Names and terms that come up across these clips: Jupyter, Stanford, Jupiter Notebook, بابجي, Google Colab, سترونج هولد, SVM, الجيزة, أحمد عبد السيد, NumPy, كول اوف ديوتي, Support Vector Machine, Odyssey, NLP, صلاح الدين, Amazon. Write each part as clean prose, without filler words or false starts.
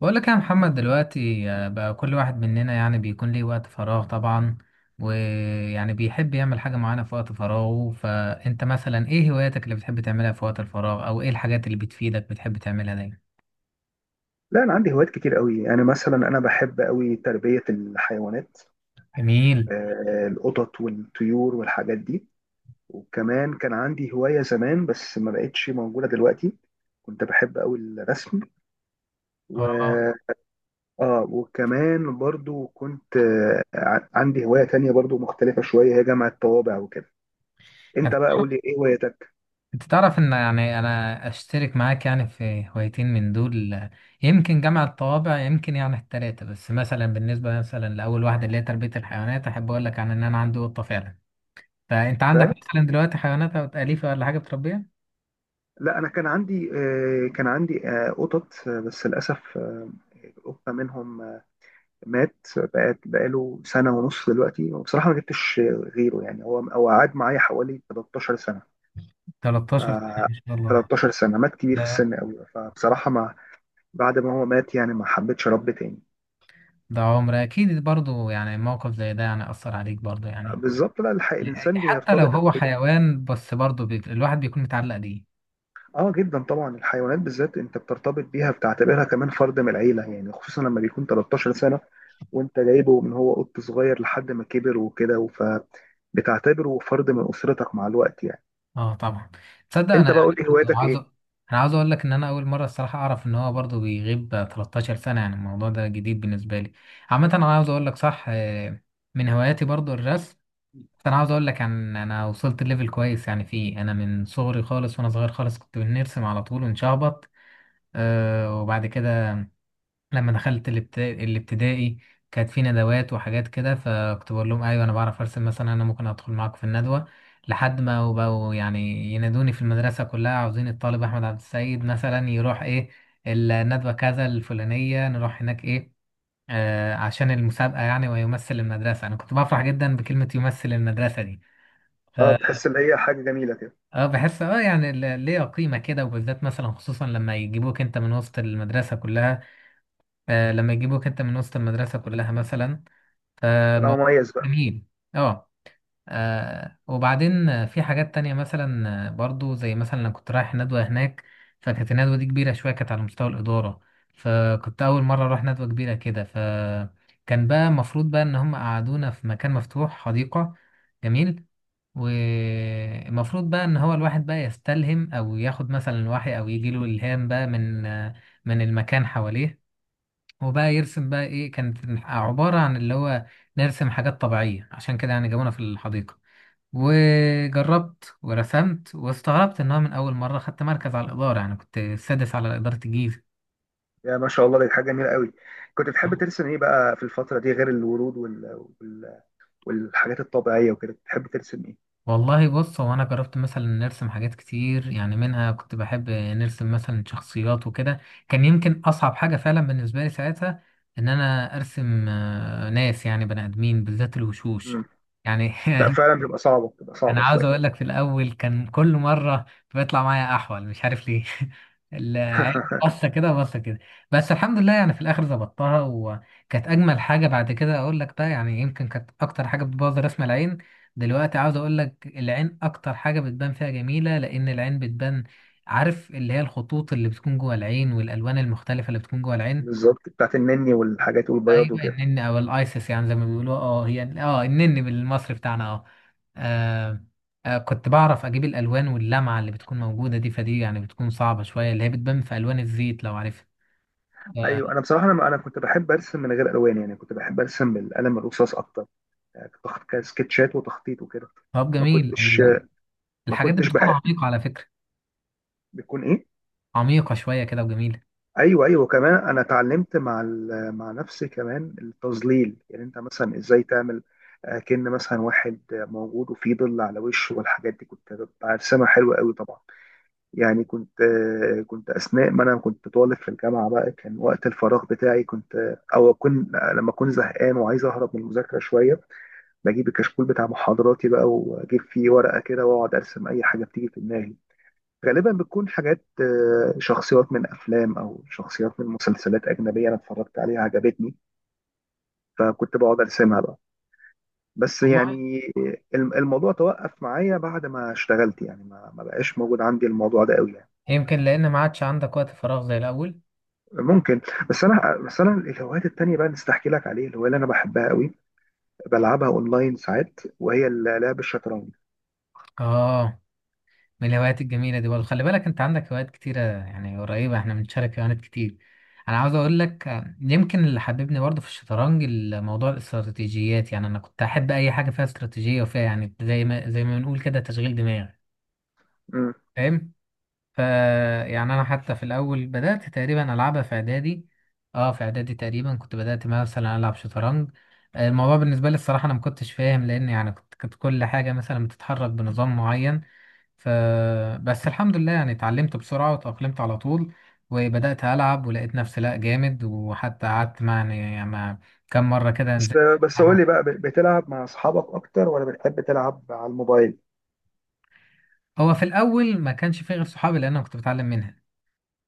بقول لك يا محمد دلوقتي، بقى كل واحد مننا يعني بيكون ليه وقت فراغ طبعا، ويعني بيحب يعمل حاجة معينة في وقت فراغه. فأنت مثلا إيه هواياتك اللي بتحب تعملها في وقت الفراغ، أو إيه الحاجات اللي بتفيدك بتحب تعملها دايما؟ لا، انا عندي هوايات كتير قوي، يعني مثلا انا بحب قوي تربيه الحيوانات. جميل. القطط والطيور والحاجات دي. وكمان كان عندي هوايه زمان، بس ما بقتش موجوده دلوقتي. كنت بحب قوي الرسم. و آه اه وكمان برضو كنت عندي هوايه تانية برضو مختلفه شويه، هي جمع الطوابع وكده. انت أنت بقى تعرف قول لي ايه هوايتك؟ أنت تعرف إن يعني أنا أشترك معاك يعني في هوايتين من دول، يمكن جمع الطوابع، يمكن يعني التلاتة. بس مثلا بالنسبة مثلا لأول واحدة اللي هي تربية الحيوانات، أحب أقول لك عن إن أنا عندي قطة فعلا. فانت عندك فعلا. مثلا دلوقتي حيوانات أليفة ولا حاجة بتربيها؟ لا، انا كان عندي قطط، بس للاسف، القطه منهم مات بقى بقاله سنة ونص دلوقتي، وبصراحة ما جبتش غيره. يعني هو قعد معايا حوالي 13 سنة. ف 13 سنة، ما شاء الله. 13 سنة مات كبير في ده السن قوي. فبصراحة ما بعد ما هو مات، يعني ما حبيتش رب تاني. ده عمر، أكيد برضو يعني موقف زي ده يعني أثر عليك برضو، يعني بالظبط. لا، الحق الإنسان حتى لو بيرتبط هو حيوان بس برضو الواحد بيكون متعلق بيه. اه، جدا طبعا، الحيوانات بالذات انت بترتبط بيها، بتعتبرها كمان فرد من العيلة، يعني خصوصا لما بيكون 13 سنة، وانت جايبه من هو قط صغير لحد ما كبر وكده، فبتعتبره فرد من أسرتك مع الوقت يعني. اه، طبعا. تصدق أنا انت بقى قول يعني لي برضو هواياتك عاوز، ايه؟ أنا عاوز أقول لك إن أنا أول مرة الصراحة أعرف إن هو برضو بيغيب 13 سنة. يعني الموضوع ده جديد بالنسبة لي. عامة، أنا عاوز أقول لك صح. من هواياتي برضو الرسم. بس انا عاوز اقول لك عن انا وصلت ليفل كويس يعني فيه. انا من صغري خالص، وانا صغير خالص كنت بنرسم على طول ونشخبط. وبعد كده لما دخلت الابتدائي، كانت في ندوات وحاجات كده، فكنت بقول لهم ايوه انا بعرف ارسم، مثلا انا ممكن ادخل معاكم في الندوه. لحد ما وبقوا يعني ينادوني في المدرسه كلها، عاوزين الطالب احمد عبد السيد مثلا يروح ايه الندوه كذا الفلانيه، نروح هناك ايه، عشان المسابقه، يعني ويمثل المدرسه. انا كنت بفرح جدا بكلمه يمثل المدرسه دي. اه، بتحس ان هي حاجه جميله كده. اه، بحس، يعني ليها قيمة كده، وبالذات مثلا خصوصا لما يجيبوك انت من وسط المدرسة كلها. لما يجيبوك انت من وسط المدرسة كلها مثلا، تبقى فالموضوع مميز بقى. جميل. اه. وبعدين، في حاجات تانية مثلا، برضو زي مثلا انا كنت رايح ندوة هناك. فكانت الندوة دي كبيرة شوية، كانت على مستوى الإدارة. فكنت أول مرة أروح ندوة كبيرة كده، فكان بقى المفروض بقى إن هم قعدونا في مكان مفتوح، حديقة. جميل. والمفروض بقى ان هو الواحد بقى يستلهم او ياخد مثلا الوحي او يجي له الهام بقى من المكان حواليه، وبقى يرسم بقى. ايه كانت عبارة عن اللي هو نرسم حاجات طبيعية، عشان كده يعني جابونا في الحديقة. وجربت ورسمت، واستغربت ان هو من اول مرة خدت مركز على الإدارة. يعني كنت السادس على إدارة الجيزة. يا ما شاء الله، دي حاجه جميله قوي. كنت بتحب ترسم ايه بقى في الفتره دي، غير الورود والحاجات الطبيعيه وكده، بتحب ترسم ايه؟ والله بص، هو انا جربت مثلا نرسم حاجات كتير، يعني منها كنت بحب نرسم مثلا شخصيات وكده. كان يمكن اصعب حاجة فعلا بالنسبة لي ساعتها ان انا ارسم، ناس، يعني بني ادمين، بالذات الوشوش. مم. يعني لا، فعلا بتبقى صعبه، بتبقى انا صعبه عاوز شويه. اقول لك في الاول كان كل مره بيطلع معايا احول، مش عارف ليه. العين. بصه كده، بصه كده. بس الحمد لله يعني في الاخر ظبطتها، وكانت اجمل حاجه بعد كده. اقول لك بقى يعني يمكن كانت اكتر حاجه بتبوظ رسم، العين. دلوقتي عاوز اقول لك العين اكتر حاجه بتبان فيها جميله، لان العين بتبان. عارف اللي هي الخطوط اللي بتكون جوه العين، والالوان المختلفه اللي بتكون جوه العين. بالظبط، بتاعت النني والحاجات ايوه، والبياض وكده. النن او الايسس يعني زي ما بيقولوا. اه هي، النن بالمصري بتاعنا آه، كنت بعرف اجيب الالوان واللمعه اللي بتكون موجوده دي. فدي يعني بتكون صعبه شويه، اللي هي بتبان في الوان الزيت لو عارفها. آه، ايوه، انا بصراحه، انا كنت بحب ارسم من غير الوان، يعني كنت بحب ارسم بالقلم الرصاص اكتر. يعني كنت أخد كده سكتشات وتخطيط وكده. طب ما جميل. كنتش ما الحاجات دي كنتش بتكون بحب. عميقه على فكره. بيكون ايه؟ عميقه شويه كده، وجميله. ايوه، ايوه، كمان انا اتعلمت مع مع نفسي كمان التظليل، يعني انت مثلا ازاي تعمل كأن مثلا واحد موجود وفيه ظل على وشه، والحاجات دي كنت برسمها حلوه قوي طبعا. يعني كنت اثناء ما انا كنت طالب في الجامعه بقى، كان وقت الفراغ بتاعي كنت آه، او اكون لما اكون زهقان وعايز اهرب من المذاكره شويه، بجيب الكشكول بتاع محاضراتي بقى، واجيب فيه ورقه كده واقعد ارسم اي حاجه بتيجي في دماغي. غالبا بتكون حاجات شخصيات من افلام او شخصيات من مسلسلات اجنبيه انا اتفرجت عليها عجبتني، فكنت بقعد ارسمها بقى. بس والله يعني الموضوع توقف معايا بعد ما اشتغلت، يعني ما بقاش موجود عندي الموضوع ده قوي يعني. يمكن لان ما عادش عندك وقت فراغ زي الاول. ممكن. بس انا, الهوايات التانية بقى نستحكي لك عليه، الهوايه اللي انا بحبها قوي بلعبها اونلاين ساعات، وهي لعب الشطرنج. اه، من الهوايات الجميلة دي برضه. خلي بالك انت عندك هوايات كتيرة، يعني قريبة، احنا بنشارك هوايات كتير. انا عاوز اقول لك، يمكن اللي حببني برضه في الشطرنج الموضوع الاستراتيجيات. يعني انا كنت احب اي حاجة فيها استراتيجية، وفيها يعني زي ما بنقول كده تشغيل دماغ، مم. فاهم. ف يعني انا حتى في الاول بدأت تقريبا العبها في اعدادي. اه في اعدادي تقريبا كنت بدأت مثلا العب شطرنج. الموضوع بالنسبة لي الصراحة انا ما كنتش فاهم، لان يعني كنت كل حاجة مثلا بتتحرك بنظام معين. ف بس الحمد لله يعني اتعلمت بسرعة وتأقلمت على طول. وبدأت ألعب، ولقيت نفسي لا جامد، وحتى قعدت مع كم مرة كده بس نزلت بس قول معاهم. لي بقى، بتلعب مع اصحابك اكتر ولا بتحب تلعب على الموبايل؟ هو في الأول ما كانش فيه غير صحابي، لأن أنا كنت بتعلم منها.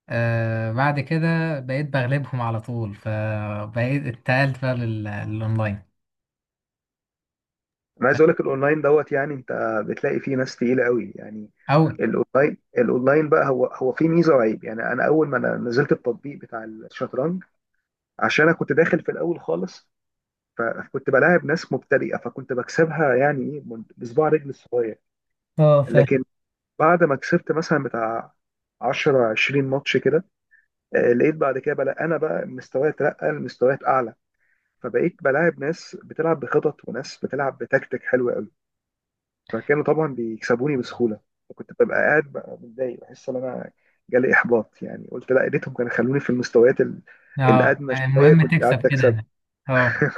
بعد كده بقيت بغلبهم على طول، فبقيت اتقلت بقى للأونلاين. انا عايز اقول لك الاونلاين دوت، يعني انت بتلاقي فيه ناس تقيله قوي يعني. أو الاونلاين بقى هو فيه ميزه وعيب، يعني انا اول ما أنا نزلت التطبيق بتاع الشطرنج، عشان انا كنت داخل في الاول خالص، فكنت بلاعب ناس مبتدئه، فكنت بكسبها يعني ايه بصباع رجل الصغير. اه، فاهم. لكن بعد ما كسبت مثلا بتاع 10 20 ماتش كده، لقيت بعد كده انا بقى مستواي اترقى لمستويات اعلى، فبقيت بلاعب ناس بتلعب بخطط وناس بتلعب بتكتيك حلو، فكانوا طبعا بيكسبوني بسهوله، وكنت ببقى قاعد بقى متضايق، بحس ان انا جالي احباط، يعني قلت لا يا ريتهم كانوا خلوني في المستويات اه، الادنى شويه، المهم كنت تكسب قعدت كده. اكسب. أنا، اه،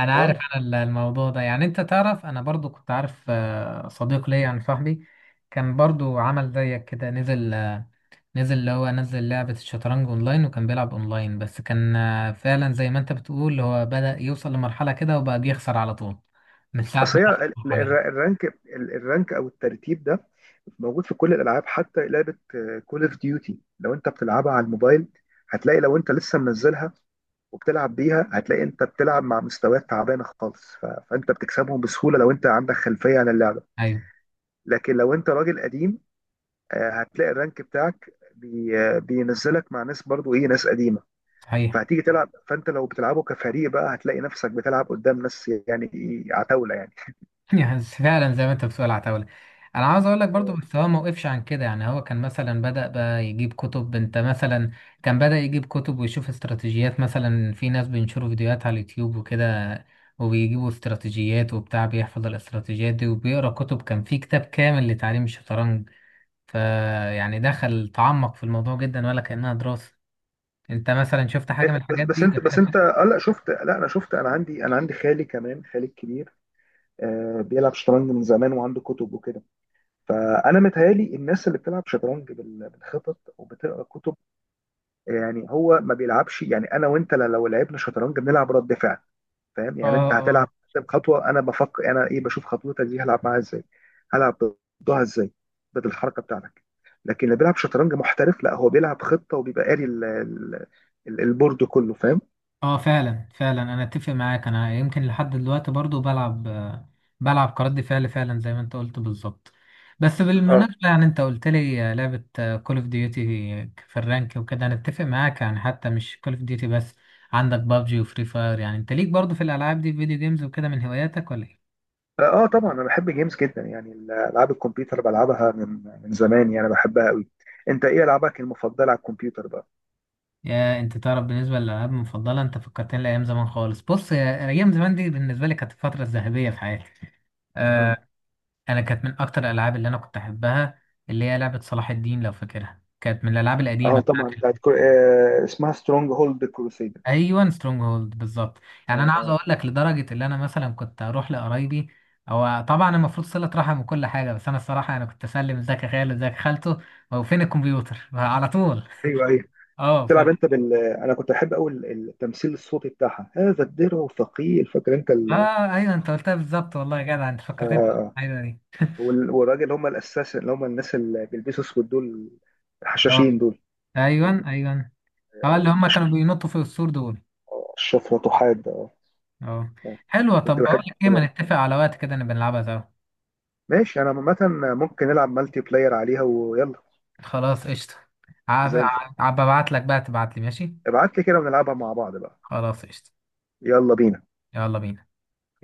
انا عارف اه. انا الموضوع ده. يعني انت تعرف انا برضو كنت عارف، صديق ليا يعني صاحبي، كان برضو عمل زيك كده، نزل آه، نزل اللي هو نزل لعبة الشطرنج اونلاين. وكان بيلعب اونلاين، بس كان، فعلا زي ما انت بتقول، هو بدأ يوصل لمرحلة كده، وبقى بيخسر على طول من ساعة اصل ما هي دخل ال- ال- المرحلة دي. الرانك ال- الرانك او الترتيب ده موجود في كل الالعاب، حتى لعبه كول اوف ديوتي لو انت بتلعبها على الموبايل، هتلاقي لو انت لسه منزلها وبتلعب بيها، هتلاقي انت بتلعب مع مستويات تعبانه خالص، فانت بتكسبهم بسهوله لو انت عندك خلفيه عن اللعبه. ايوه، لكن لو انت راجل قديم، هتلاقي الرانك بتاعك بي آه، بينزلك مع ناس برضو ايه ناس قديمه، صحيح. فهتيجي تلعب، فانت لو بتلعبه كفريق بقى هتلاقي نفسك بتلعب قدام ناس، يعني إيه، عتاوله يعني يعني فعلا زي ما انت بتقول، عتاولة. انا عاوز اقول لك برضو، بس هو ما وقفش عن كده. يعني هو كان مثلا بدأ بقى يجيب كتب. انت مثلا، كان بدأ يجيب كتب ويشوف استراتيجيات، مثلا في ناس بينشروا فيديوهات على اليوتيوب وكده، وبيجيبوا استراتيجيات وبتاع، بيحفظ الاستراتيجيات دي، وبيقرأ كتب. كان في كتاب كامل لتعليم الشطرنج. فيعني دخل تعمق في الموضوع جدا، ولا كأنها دراسة. انت مثلا شفت حاجة إيه. من بس الحاجات بس دي؟ انت ده بس انت اه, لا, انا شفت, انا عندي خالي كمان، خالي الكبير. بيلعب شطرنج من زمان، وعنده كتب وكده. فانا متهيالي الناس اللي بتلعب شطرنج بالخطط وبتقرا كتب. يعني هو ما بيلعبش، يعني انا وانت لو لعبنا شطرنج بنلعب رد فعل. فاهم؟ يعني انت هتلعب كانت. قدام خطوه، انا بفكر انا ايه، بشوف خطوتك دي هلعب معاها ازاي، هلعب ضدها ازاي، ضد الحركه بتاعتك. لكن اللي بيلعب شطرنج محترف لا، هو بيلعب خطه وبيبقى قاري البورد كله. فاهم؟ اه، فعلا فعلا انا اتفق معاك. انا يمكن لحد دلوقتي برضو بلعب، بلعب كرد فعل، فعلا زي ما انت قلت بالظبط. بس اه، بالمناسبة، يعني انت قلت لي، لعبة كول اوف ديوتي في الرانك وكده. انا اتفق معاك، يعني حتى مش كول اوف ديوتي بس، عندك بابجي وفري فاير. يعني انت ليك برضو في الالعاب دي، فيديو جيمز وكده من هواياتك ولا ايه؟ اه، طبعا انا بحب جيمز جدا، يعني العاب الكمبيوتر بلعبها من زمان، يعني بحبها قوي. انت ايه العابك المفضله على الكمبيوتر بقى؟ يا انت تعرف، بالنسبة للالعاب المفضلة، انت فكرتني لايام زمان خالص. بص ايام زمان دي بالنسبة لي كانت الفترة الذهبية في حياتي. مم. آه، انا كانت من اكتر الالعاب اللي انا كنت احبها، اللي هي لعبه صلاح الدين لو فاكرها. كانت من الالعاب القديمه اه، طبعا بتاعت بتاعت كر... آه اسمها سترونج هولد كروسيدرز. ايوه، سترونج هولد بالظبط. يعني اه، انا عاوز اه، اقول لك لدرجه اللي انا مثلا كنت اروح لقرايبي، هو طبعا المفروض صله رحم وكل حاجه. بس انا الصراحه، انا كنت اسلم ازيك يا خالد، ازيك يا خالته. هو فين الكمبيوتر؟ على طول. ايوه، ايوه. اه، تلعب فانا. انت بال انا كنت بحب قوي التمثيل الصوتي بتاعها، هذا الدرع ثقيل، فاكر انت اه، ايوه، انت قلتها بالظبط. والله يا جدع، انت فكرتني. آه... ايوه دي. والراجل، اللي هم الاساس، اللي هم الناس اللي بيلبسوا اسود دول، اه، الحشاشين دول. ايوه، آه. ايوه. اه، اللي هم أش- كانوا بينطوا في السور دول. اشرف وتحاد، اه. اه، آه. حلوه. كنت طب بقول بحب. لك ايه، ما نتفق على وقت كده نبقى نلعبها سوا. ماشي، انا عامه ممكن نلعب مالتي بلاير عليها، ويلا، خلاص، قشطة. عب- زي الفل. ببعت لك بقى، تبعت لي ماشي. ابعت لي كده ونلعبها مع بعض بقى. خلاص، قشطة. يلا بينا. يلا بينا.